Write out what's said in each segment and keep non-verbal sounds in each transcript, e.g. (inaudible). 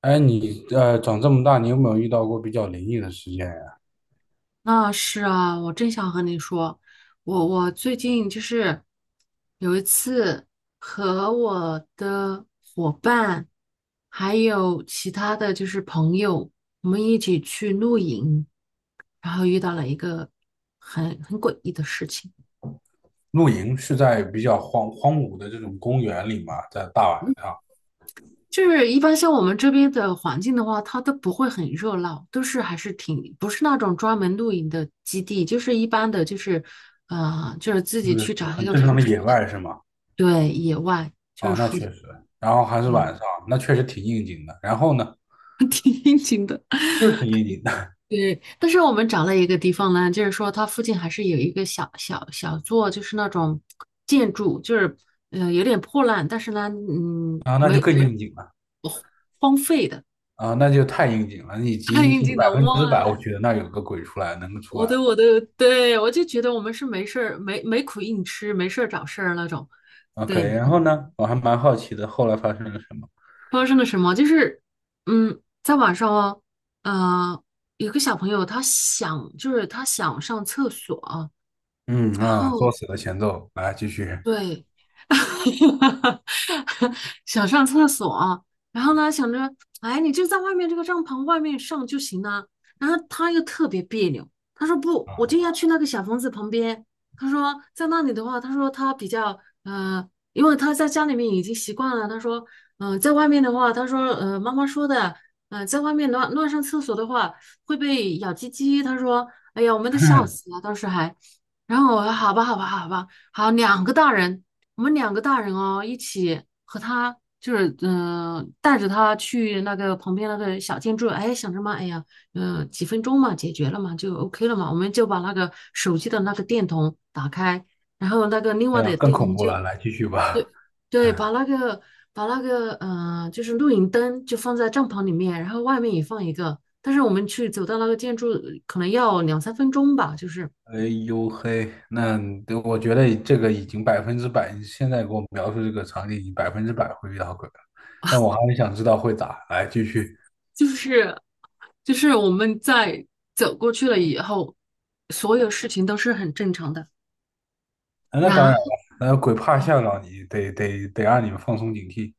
哎，你长这么大，你有没有遇到过比较灵异的事件呀？那是啊，我正想和你说，我最近就是有一次和我的伙伴，还有其他的就是朋友，我们一起去露营，然后遇到了一个很诡异的事情。露营是在比较荒芜的这种公园里嘛，在大晚上，就是一般像我们这边的环境的话，它都不会很热闹，都是还是挺不是那种专门露营的基地，就是一般的，就是就是自就己去是找一很个正常舒的适野的，外是吗？对，野外就是哦，那舒，确实。然后还是晚嗯，上，那确实挺应景的。然后呢，(laughs) 挺应景的。就是挺应景的。(laughs) 对，但是我们找了一个地方呢，就是说它附近还是有一个小座，就是那种建筑，就是有点破烂，但是呢，啊，那就没更没应景了。呃荒废的，啊，那就太应景了，以 (laughs) 及太应景百的分哇，之百，我觉得那有个鬼出来，能够出我来。的我的，对，我就觉得我们是没事儿没苦硬吃，没事儿找事儿那种。对，OK，然后呢，我还蛮好奇的，后来发生了什么？发生了什么？就是在晚上哦，呃，有个小朋友他想就是他想上厕所，嗯然啊，后作死的前奏，来继续对，(laughs) 想上厕所，然后呢，想着，哎，你就在外面这个帐篷外面上就行了。然后他又特别别扭，他说不，我就啊。要去那个小房子旁边。他说在那里的话，他说他比较因为他在家里面已经习惯了。他说，在外面的话，他说，妈妈说的，在外面乱上厕所的话会被咬鸡鸡。他说，哎呀，我们都笑 (laughs) 死了，当时还。然后我说好吧，好吧，好吧。好，两个大人，我们两个大人哦，一起和他就是带着他去那个旁边那个小建筑，哎，想着嘛，哎呀，几分钟嘛，解决了嘛，就 OK 了嘛，我们就把那个手机的那个电筒打开，然后那个另外的更电恐筒怖就了，来继续吧。对对，把那个就是露营灯就放在帐篷里面，然后外面也放一个，但是我们去走到那个建筑可能要2、3分钟吧，就是。哎呦嘿，那，对，我觉得这个已经百分之百，你现在给我描述这个场景，已经百分之百会遇到鬼了。但我还是想知道会咋，来继续。就是就是我们在走过去了以后，所有事情都是很正常的。啊，那当然然了。后那鬼怕吓到你，得让你们放松警惕。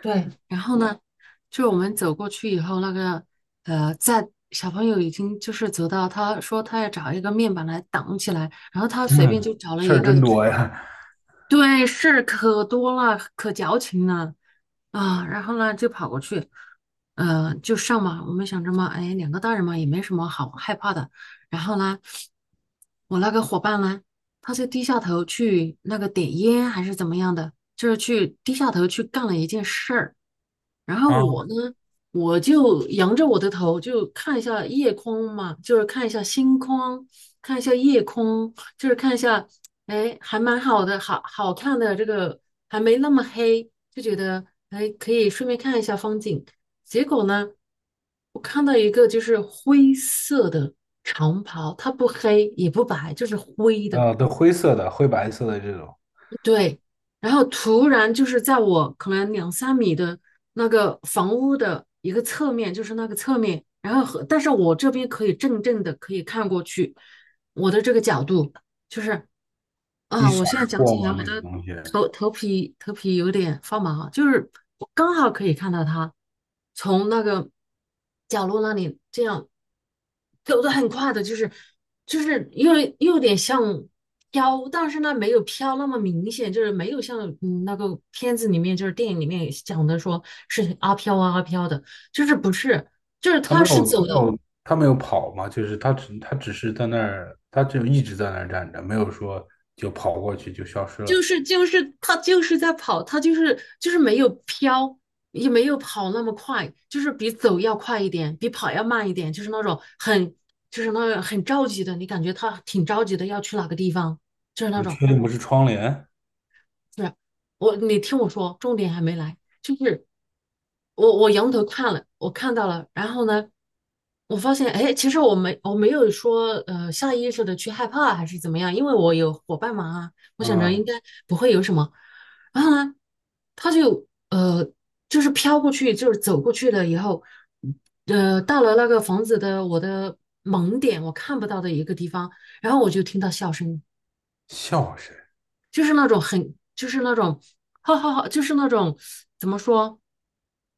对，然后呢，就我们走过去以后，那个在小朋友已经就是走到，他说他要找一个面板来挡起来，然后他随便嗯，就找了事一儿个，真就是多呀。 对，事儿可多了，可矫情了。啊，然后呢就跑过去，就上嘛。我们想着嘛，哎，两个大人嘛，也没什么好害怕的。然后呢，我那个伙伴呢，他就低下头去那个点烟还是怎么样的，就是去低下头去干了一件事儿。然后 (laughs)。啊。我呢，我就仰着我的头，就看一下夜空嘛，就是看一下星空，看一下夜空，就是看一下，哎，还蛮好的，好好看的这个还没那么黑，就觉得哎，可以顺便看一下风景。结果呢，我看到一个就是灰色的长袍，它不黑也不白，就是灰的。啊，都灰色的、灰白色的这种。对，然后突然就是在我可能2、3米的那个房屋的一个侧面，就是那个侧面，然后但是我这边可以正正的可以看过去，我的这个角度就是一啊，我闪现在而讲过起来，嘛，我那个的东西。头皮有点发麻啊，就是我刚好可以看到他从那个角落那里这样走得很快的，就是又有点像飘，但是呢没有飘那么明显，就是没有像那个片子里面就是电影里面讲的说是阿飘啊阿飘的，就是不是，就是他没他有，是他走没的。有，他没有跑嘛，就是他只是在那儿，他只一直在那儿站着，没有说就跑过去就消失就了。是就是他就是在跑，他就是没有飘，也没有跑那么快，就是比走要快一点，比跑要慢一点，就是那种很就是那种很着急的，你感觉他挺着急的要去哪个地方，就是那你种。确定不是窗帘？对啊，你听我说，重点还没来，就是我仰头看了，我看到了，然后呢，我发现，哎，其实我没有说下意识的去害怕还是怎么样，因为我有伙伴嘛啊，我想着嗯，应该不会有什么。然后呢，他就就是飘过去，就是走过去了以后，到了那个房子的我的盲点，我看不到的一个地方，然后我就听到笑声，笑声。就是那种很就是那种哈哈哈，就是那种怎么说，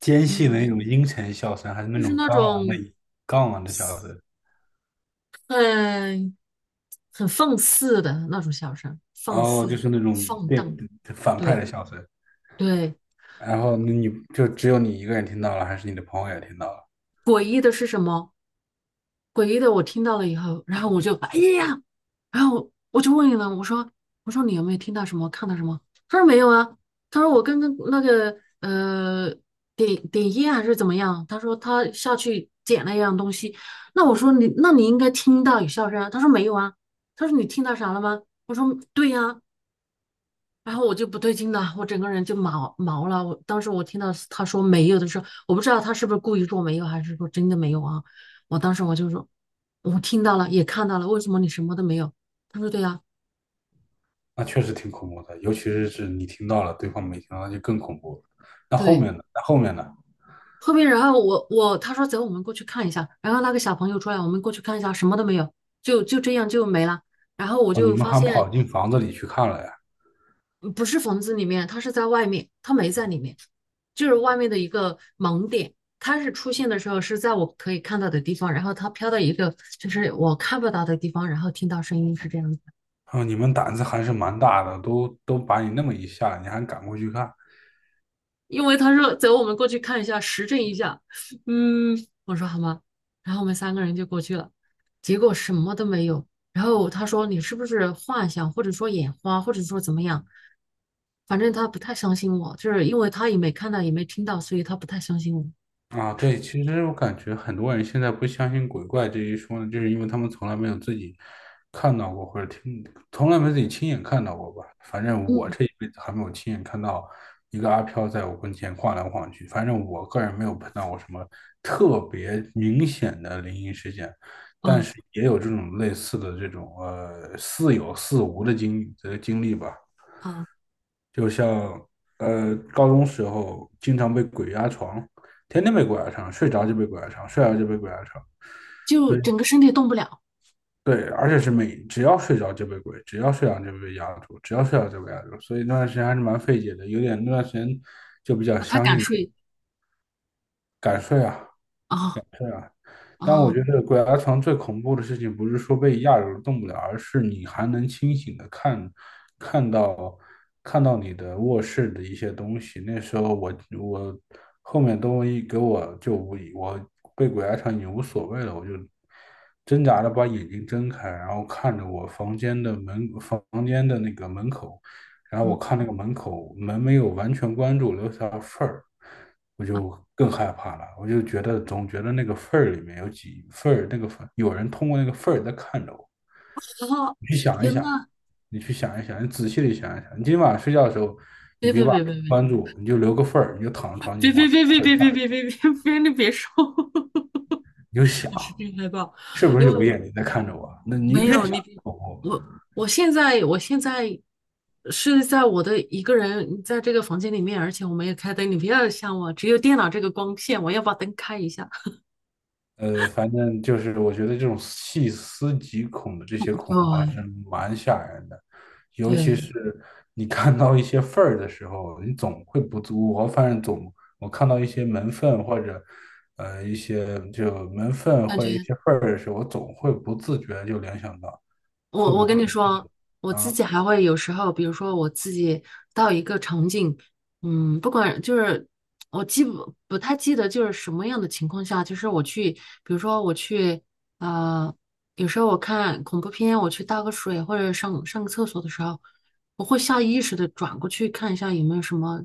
尖细的那嗯，种阴沉笑声，还是那就是种那刚昂种。的刚昂的笑声？很很放肆的那种笑声，放哦，肆、就是那种，放对，荡，反派对的笑声。对。然后那你就只有你一个人听到了，还是你的朋友也听到了？诡异的是什么？诡异的我听到了以后，然后我就哎呀，然后我就问了，我说你有没有听到什么，看到什么？他说没有啊，他说我刚刚那个点点烟还是怎么样？他说他下去捡了一样东西。那我说那你应该听到有笑声啊。他说没有啊。他说你听到啥了吗？我说对呀、然后我就不对劲了，我整个人就毛毛了。我当时我听到他说没有的时候，我不知道他是不是故意说没有，还是说真的没有啊？我当时我就说，我听到了，也看到了，为什么你什么都没有？他说对呀、那确实挺恐怖的，尤其是是你听到了，对方没听到，那就更恐怖了。那后对。面呢？那后面呢？后面然后他说走，我们过去看一下。然后那个小朋友出来，我们过去看一下，什么都没有，就这样就没了。然后我哦，你就们发还现跑进房子里去看了呀？不是房子里面，他是在外面，他没在里面，就是外面的一个盲点。它是出现的时候是在我可以看到的地方，然后它飘到一个就是我看不到的地方，然后听到声音是这样子。哦，你们胆子还是蛮大的，都把你那么一吓，你还敢过去看？因为他说走，我们过去看一下，实证一下。嗯，我说好吗？然后我们三个人就过去了，结果什么都没有。然后他说你是不是幻想，或者说眼花，或者说怎么样？反正他不太相信我，就是因为他也没看到，也没听到，所以他不太相信我。啊，对，其实我感觉很多人现在不相信鬼怪这一说呢，就是因为他们从来没有自己看到过，或者听，从来没自己亲眼看到过吧。反正我嗯，这一辈子还没有亲眼看到一个阿飘在我跟前晃来晃去。反正我个人没有碰到过什么特别明显的灵异事件，但哦是也有这种类似的这种似有似无的经历吧。啊，就像高中时候经常被鬼压床，天天被鬼压床，睡着就被鬼压床，睡着就被鬼压床。就整个身体动不了，对，而且是每只要睡着就被鬼，只要睡着就被压住，只要睡着就被压住，所以那段时间还是蛮费解的，有点那段时间就比较把他相信赶这个睡敢睡啊。啊但我啊觉得鬼压床最恐怖的事情，不是说被压着动不了，而是你还能清醒的看，看到看到你的卧室的一些东西。那时候我后面都一给我就我被鬼压床已经无所谓了，我就挣扎着把眼睛睁开，然后看着我房间的门，房间的那个门口，然后嗯，我看那个门口门没有完全关住，留下缝儿，我就更害怕了。我就觉得总觉得那个缝儿里面有几缝儿，那个缝有人通过那个缝儿在看着我。啊！你去想一天想，呐，你去想一想，你仔细的想一想。你今晚睡觉的时候，你别别别把门别别关住，你就留个缝儿，你就躺在床上，你就别别往别别别别别别别别别你别说，你就 (laughs) 想，我是真害怕，是不因是为有个我眼睛在看着我？那你越没想有你别越恐怖。我现在是在我的一个人在这个房间里面，而且我没有开灯，你不要像我，只有电脑这个光线，我要把灯开一下。反正就是我觉得这种细思极恐的这些恐怖还是对蛮吓人的，尤其对，是你看到一些缝儿的时候，你总会不自我反正总我看到一些门缝或者一些就门缝感或者一觉。些缝儿的时候，我总会不自觉地就联想到会我不我会。跟你说，我啊？自己还会有时候，比如说我自己到一个场景，不管就是我记不太记得就是什么样的情况下，就是我去，比如说我去，呃，有时候我看恐怖片，我去倒个水或者上上个厕所的时候，我会下意识的转过去看一下有没有什么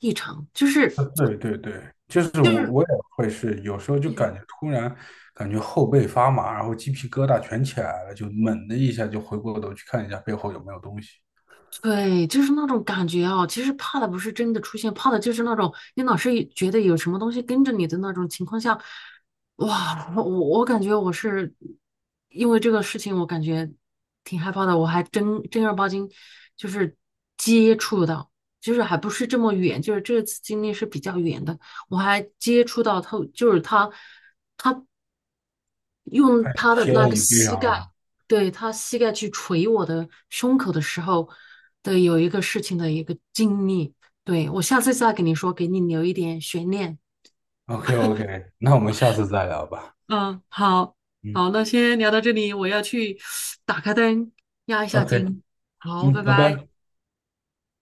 异常，就是对对对，就是就我是。我也会是，有时候就感觉突然感觉后背发麻，然后鸡皮疙瘩全起来了，就猛的一下就回过头去看一下背后有没有东西。对，就是那种感觉啊。其实怕的不是真的出现，怕的就是那种你老是觉得有什么东西跟着你的那种情况下，哇，我感觉我是因为这个事情，我感觉挺害怕的。我还真正儿八经就是接触到，就是还不是这么远，就是这次经历是比较远的，我还接触到他，就是他。用他的先那让个你背膝上盖，了。对，他膝盖去捶我的胸口的时候的有一个事情的一个经历，对，我下次再跟你说，给你留一点悬念。OK OK，那我们下次再聊吧。嗯，好，嗯好，那先聊到这里，我要去 (sniffs) 打开灯，压一下，OK。惊，好，嗯，拜拜拜。拜。